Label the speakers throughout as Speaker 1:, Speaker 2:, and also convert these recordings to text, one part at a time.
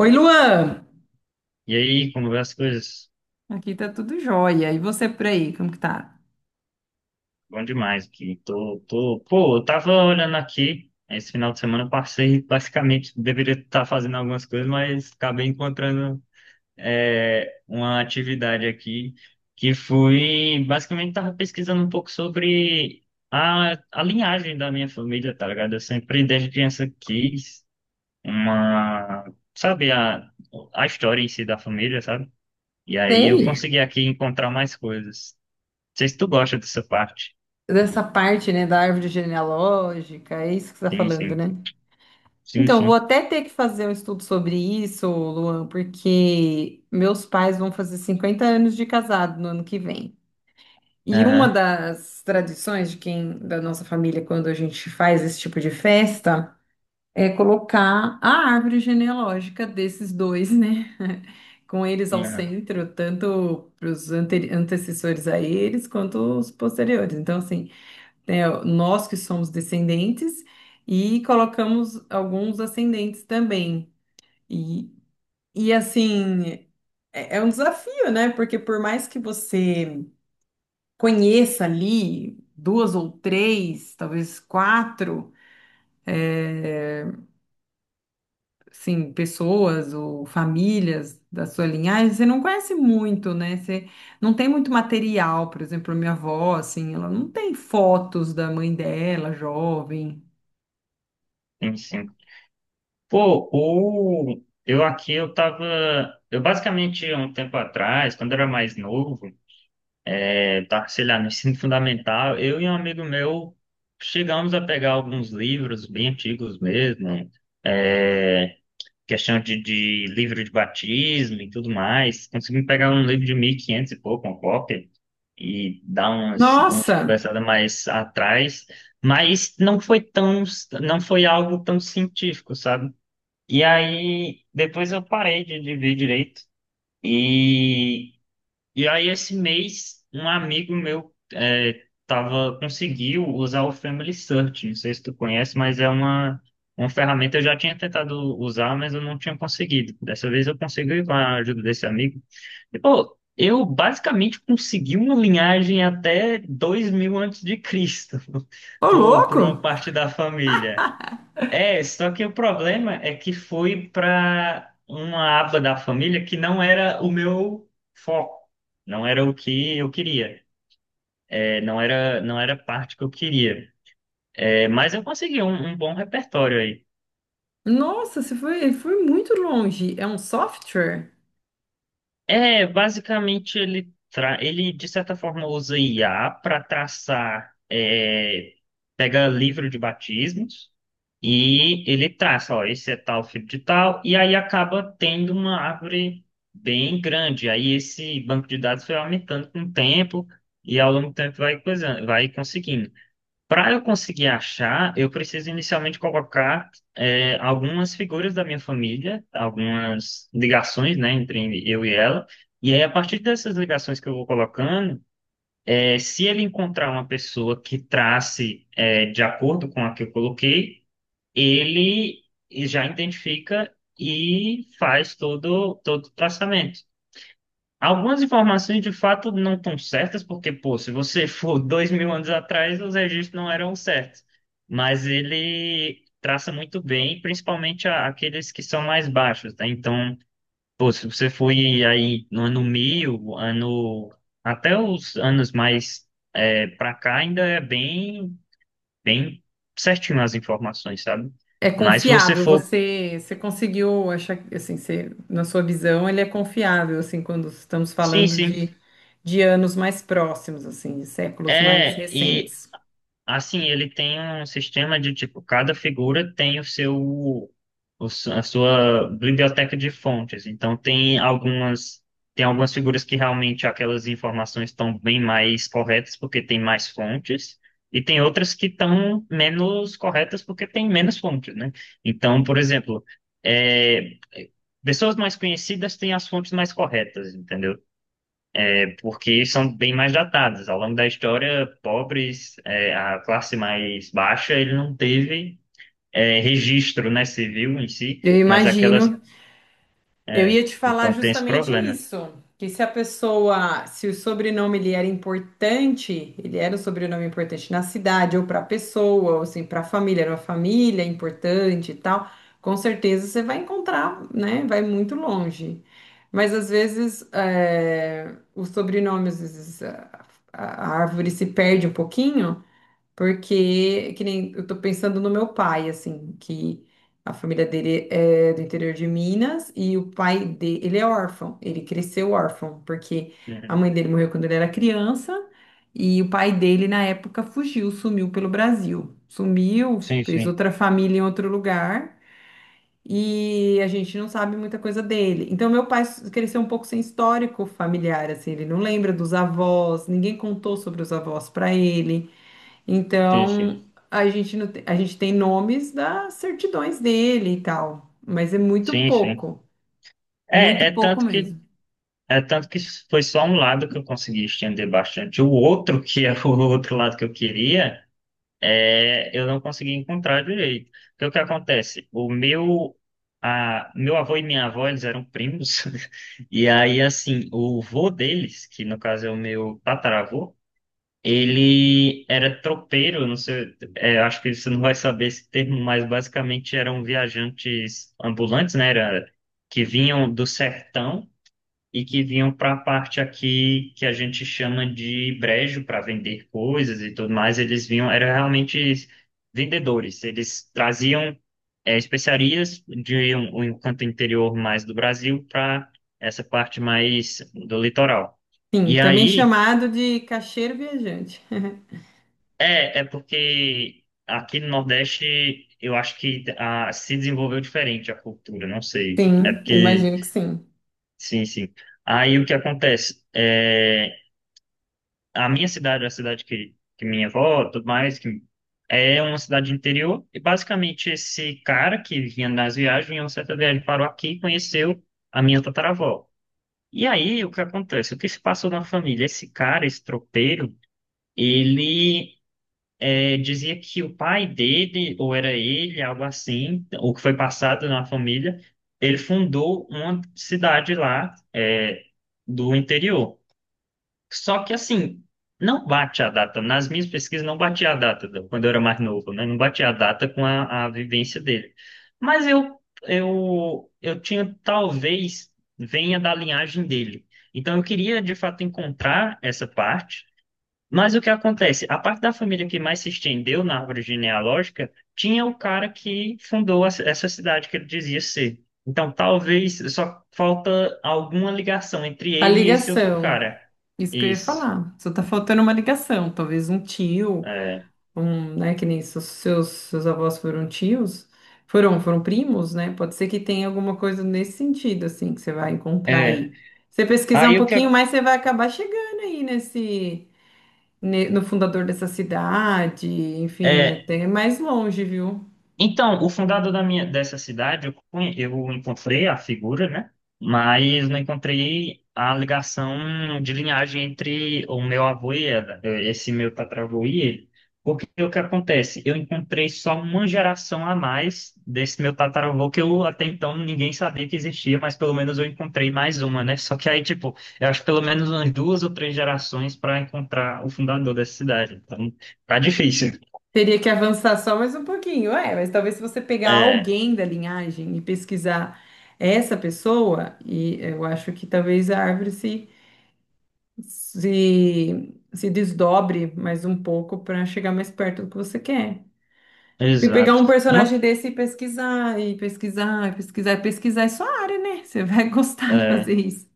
Speaker 1: Oi, Luan!
Speaker 2: E aí, como vai as coisas?
Speaker 1: Aqui tá tudo jóia. E você por aí, como que tá?
Speaker 2: Bom demais aqui. Pô, eu tava olhando aqui, esse final de semana eu passei, basicamente, deveria estar fazendo algumas coisas, mas acabei encontrando uma atividade aqui que fui, basicamente, tava pesquisando um pouco sobre a linhagem da minha família, tá ligado? Eu sempre, desde criança, quis uma... Sabe, a história em si da família, sabe? E aí eu
Speaker 1: Sei
Speaker 2: consegui aqui encontrar mais coisas. Sei se tu gosta dessa parte.
Speaker 1: dessa parte, né, da árvore genealógica, é isso que você está
Speaker 2: Sim,
Speaker 1: falando,
Speaker 2: sim.
Speaker 1: né?
Speaker 2: Sim,
Speaker 1: Então, vou
Speaker 2: sim.
Speaker 1: até ter que fazer um estudo sobre isso, Luan, porque meus pais vão fazer 50 anos de casado no ano que vem. E uma
Speaker 2: Aham.
Speaker 1: das tradições de quem, da nossa família, quando a gente faz esse tipo de festa, é colocar a árvore genealógica desses dois, né? Com eles ao
Speaker 2: Aham.
Speaker 1: centro, tanto para os antecessores a eles quanto os posteriores. Então, assim, né, nós que somos descendentes e colocamos alguns ascendentes também. E, e assim, é um desafio, né? Porque por mais que você conheça ali duas ou três, talvez quatro, é, assim, pessoas ou famílias da sua linhagem, você não conhece muito, né? Você não tem muito material, por exemplo, a minha avó, assim, ela não tem fotos da mãe dela, jovem.
Speaker 2: Sim, sim. Pô, eu aqui, Eu basicamente, há um tempo atrás, quando eu era mais novo, eu tava, sei lá, no ensino fundamental, eu e um amigo meu chegamos a pegar alguns livros bem antigos mesmo, é, questão de livro de batismo e tudo mais. Consegui pegar um livro de 1500 e quinhentos e pouco, uma cópia, e dar umas
Speaker 1: Nossa,
Speaker 2: conversadas mais atrás, mas não foi tão, não foi algo tão científico, sabe? E aí, depois eu parei de ver direito. E e aí, esse mês, um amigo meu conseguiu usar o Family Search. Não sei se tu conhece, mas é uma ferramenta que eu já tinha tentado usar, mas eu não tinha conseguido. Dessa vez eu consegui com a ajuda desse amigo. E, pô, eu basicamente consegui uma linhagem até 2000 a.C.,
Speaker 1: ô
Speaker 2: por
Speaker 1: louco!
Speaker 2: uma parte da família. É, só que o problema é que foi para uma aba da família que não era o meu foco, não era o que eu queria, não era, não era a parte que eu queria. É, mas eu consegui um bom repertório aí.
Speaker 1: Nossa, você foi, foi muito longe. É um software?
Speaker 2: É, basicamente ele de certa forma usa IA para traçar, pega livro de batismos e ele traça, ó, esse é tal filho de tal, e aí acaba tendo uma árvore bem grande. Aí esse banco de dados foi aumentando com o tempo e ao longo do tempo vai coisando, vai conseguindo. Para eu conseguir achar, eu preciso inicialmente colocar algumas figuras da minha família, algumas ligações, né, entre eu e ela. E aí, a partir dessas ligações que eu vou colocando, se ele encontrar uma pessoa que trace de acordo com a que eu coloquei, ele já identifica e faz todo o traçamento. Algumas informações de fato não estão certas, porque, pô, se você for 2000 anos atrás, os registros não eram certos. Mas ele traça muito bem, principalmente aqueles que são mais baixos, tá? Então, pô, se você foi aí no ano 1000, até os anos mais pra cá, ainda é bem certinho as informações, sabe?
Speaker 1: É
Speaker 2: Mas se você
Speaker 1: confiável?
Speaker 2: for.
Speaker 1: Você, você conseguiu achar, assim, você, na sua visão, ele é confiável, assim, quando estamos
Speaker 2: Sim,
Speaker 1: falando
Speaker 2: sim.
Speaker 1: de anos mais próximos, assim, de séculos mais
Speaker 2: É, e
Speaker 1: recentes.
Speaker 2: Assim, ele tem um sistema de tipo, cada figura tem o seu, a sua biblioteca de fontes. Então tem algumas figuras que realmente aquelas informações estão bem mais corretas porque tem mais fontes, e tem outras que estão menos corretas porque tem menos fontes, né? Então, por exemplo, é, pessoas mais conhecidas têm as fontes mais corretas, entendeu? Porque são bem mais datadas. Ao longo da história, pobres, a classe mais baixa, ele não teve registro, né, civil em si,
Speaker 1: Eu
Speaker 2: mas aquelas,
Speaker 1: imagino. Eu ia te falar
Speaker 2: então tem esse
Speaker 1: justamente
Speaker 2: problema.
Speaker 1: isso, que se a pessoa, se o sobrenome ele era importante, ele era um sobrenome importante na cidade ou para a pessoa, ou assim, para a família, era uma família importante e tal, com certeza você vai encontrar, né? Vai muito longe. Mas às vezes é, o sobrenome, às vezes a árvore se perde um pouquinho, porque, que nem eu tô pensando no meu pai, assim, que a família dele é do interior de Minas e o pai dele, ele é órfão, ele cresceu órfão, porque a
Speaker 2: Uhum.
Speaker 1: mãe dele morreu quando ele era criança e o pai dele, na época, fugiu, sumiu pelo Brasil. Sumiu,
Speaker 2: Sim,
Speaker 1: fez
Speaker 2: sim,
Speaker 1: outra família em outro lugar e a gente não sabe muita coisa dele. Então, meu pai cresceu um pouco sem histórico familiar, assim, ele não lembra dos avós, ninguém contou sobre os avós para ele.
Speaker 2: sim, sim,
Speaker 1: Então, a gente, não tem, a gente tem nomes das certidões dele e tal, mas é
Speaker 2: sim, sim.
Speaker 1: muito
Speaker 2: É, é
Speaker 1: pouco
Speaker 2: tanto que
Speaker 1: mesmo.
Speaker 2: é tanto que foi só um lado que eu consegui estender bastante. O outro, que é o outro lado que eu queria, eu não consegui encontrar direito. Porque o que acontece? Meu avô e minha avó, eles eram primos, e aí, assim, o vô deles, que no caso é o meu tataravô, ele era tropeiro, não sei, acho que você não vai saber esse termo, mas basicamente eram viajantes ambulantes, né? Era, que vinham do sertão e que vinham para a parte aqui que a gente chama de brejo para vender coisas e tudo mais. Eles vinham, eram realmente vendedores. Eles traziam especiarias de um canto interior mais do Brasil para essa parte mais do litoral.
Speaker 1: Sim,
Speaker 2: E
Speaker 1: também
Speaker 2: aí
Speaker 1: chamado de caixeiro viajante.
Speaker 2: é porque aqui no Nordeste eu acho que se desenvolveu diferente a cultura, não sei. É
Speaker 1: Sim, eu
Speaker 2: porque,
Speaker 1: imagino que sim.
Speaker 2: sim, sim. Aí o que acontece? É, a cidade que minha avó, tudo mais, que é uma cidade de interior, e basicamente esse cara que vinha nas viagens, em uma certa viagem parou aqui e conheceu a minha tataravó. E aí, o que acontece? O que se passou na família? Esse cara, esse tropeiro, ele dizia que o pai dele, ou era ele, algo assim, o que foi passado na família, ele fundou uma cidade lá, do interior. Só que assim, não bate a data. Nas minhas pesquisas não batia a data, quando eu era mais novo, né? Não batia a data com a vivência dele. Mas eu tinha, talvez, venha da linhagem dele. Então eu queria, de fato, encontrar essa parte, mas o que acontece? A parte da família que mais se estendeu na árvore genealógica tinha o cara que fundou essa cidade que ele dizia ser. Então, talvez só falta alguma ligação entre
Speaker 1: A
Speaker 2: ele e esse outro
Speaker 1: ligação,
Speaker 2: cara.
Speaker 1: isso que eu ia
Speaker 2: Isso.
Speaker 1: falar. Só tá faltando uma ligação, talvez um tio,
Speaker 2: É.
Speaker 1: um, né, que nem seus avós foram tios, foram primos, né? Pode ser que tenha alguma coisa nesse sentido, assim, que você vai encontrar
Speaker 2: É.
Speaker 1: aí. Você pesquisar um
Speaker 2: Aí o que
Speaker 1: pouquinho mais, você vai acabar chegando aí nesse, no fundador dessa cidade, enfim,
Speaker 2: é,
Speaker 1: até mais longe, viu?
Speaker 2: Então, o fundador dessa cidade, eu encontrei a figura, né? Mas não encontrei a ligação de linhagem entre o meu avô e ela, esse meu tataravô e ele. Porque o que acontece? Eu encontrei só uma geração a mais desse meu tataravô, que eu até então ninguém sabia que existia, mas pelo menos eu encontrei mais uma, né? Só que aí, tipo, eu acho pelo menos umas duas ou três gerações para encontrar o fundador dessa cidade. Então, tá difícil.
Speaker 1: Teria que avançar só mais um pouquinho, é, mas talvez se você pegar
Speaker 2: É,
Speaker 1: alguém da linhagem e pesquisar essa pessoa, e eu acho que talvez a árvore se se desdobre mais um pouco para chegar mais perto do que você quer. Se pegar
Speaker 2: exato.
Speaker 1: um
Speaker 2: Uma
Speaker 1: personagem desse e pesquisar, e pesquisar, e pesquisar, e pesquisar, é sua área, né? Você vai gostar de
Speaker 2: É,
Speaker 1: fazer isso.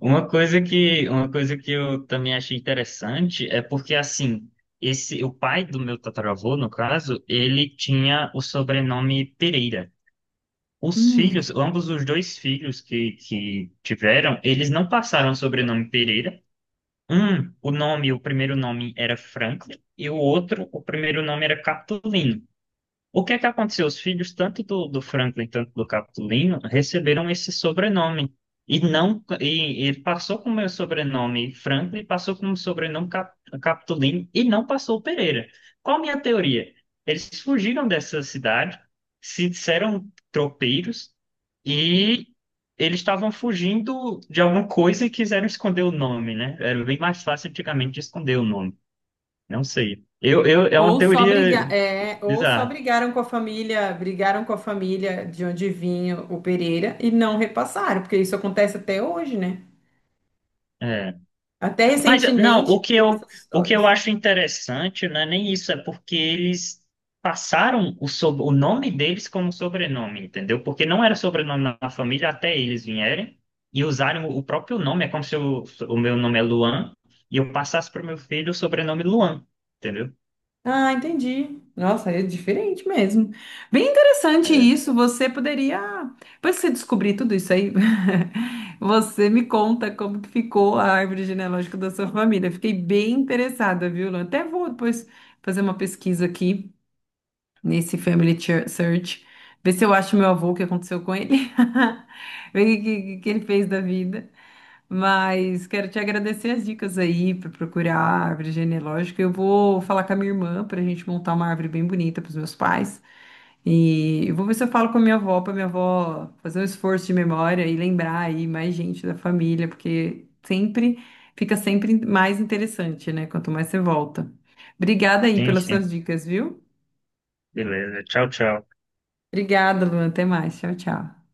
Speaker 2: uma coisa que eu também achei interessante é porque, assim, o pai do meu tataravô, no caso, ele tinha o sobrenome Pereira. Os filhos,
Speaker 1: Hum.
Speaker 2: ambos os dois filhos que tiveram, eles não passaram o sobrenome Pereira. Um, o primeiro nome era Franklin, e o outro, o primeiro nome era Catulino. O que é que aconteceu? Os filhos, tanto do Franklin, tanto do Capitulino, receberam esse sobrenome. E não, e ele passou com o meu sobrenome Franklin, passou com o sobrenome Capitulino e não passou o Pereira. Qual a minha teoria? Eles fugiram dessa cidade, se disseram tropeiros e eles estavam fugindo de alguma coisa e quiseram esconder o nome, né? Era bem mais fácil antigamente de esconder o nome. Não sei. É uma
Speaker 1: Ou só brigar,
Speaker 2: teoria
Speaker 1: é, ou só
Speaker 2: bizarra.
Speaker 1: brigaram com a família, brigaram com a família de onde vinha o Pereira e não repassaram, porque isso acontece até hoje, né?
Speaker 2: É.
Speaker 1: Até
Speaker 2: Mas não,
Speaker 1: recentemente
Speaker 2: o que
Speaker 1: tem
Speaker 2: eu,
Speaker 1: essas
Speaker 2: o que eu
Speaker 1: histórias.
Speaker 2: acho interessante não é nem isso, é porque eles passaram o nome deles como sobrenome, entendeu? Porque não era sobrenome na família até eles vierem e usarem o próprio nome. É como se o meu nome é Luan e eu passasse para o meu filho o sobrenome Luan, entendeu?
Speaker 1: Ah, entendi. Nossa, é diferente mesmo. Bem interessante
Speaker 2: É,
Speaker 1: isso. Você poderia, depois que você descobrir tudo isso aí, você me conta como que ficou a árvore genealógica da sua família. Fiquei bem interessada, viu? Lu? Até vou depois fazer uma pesquisa aqui nesse Family Search, ver se eu acho meu avô, o que aconteceu com ele, ver o que que ele fez da vida. Mas quero te agradecer as dicas aí para procurar a árvore genealógica. Eu vou falar com a minha irmã para a gente montar uma árvore bem bonita para os meus pais. E eu vou ver se eu falo com a minha avó, para minha avó fazer um esforço de memória e lembrar aí mais gente da família, porque sempre fica sempre mais interessante, né? Quanto mais você volta. Obrigada aí
Speaker 2: sim,
Speaker 1: pelas
Speaker 2: sim.
Speaker 1: suas dicas, viu?
Speaker 2: Beleza. Tchau, tchau.
Speaker 1: Obrigada, Luan. Até mais. Tchau, tchau.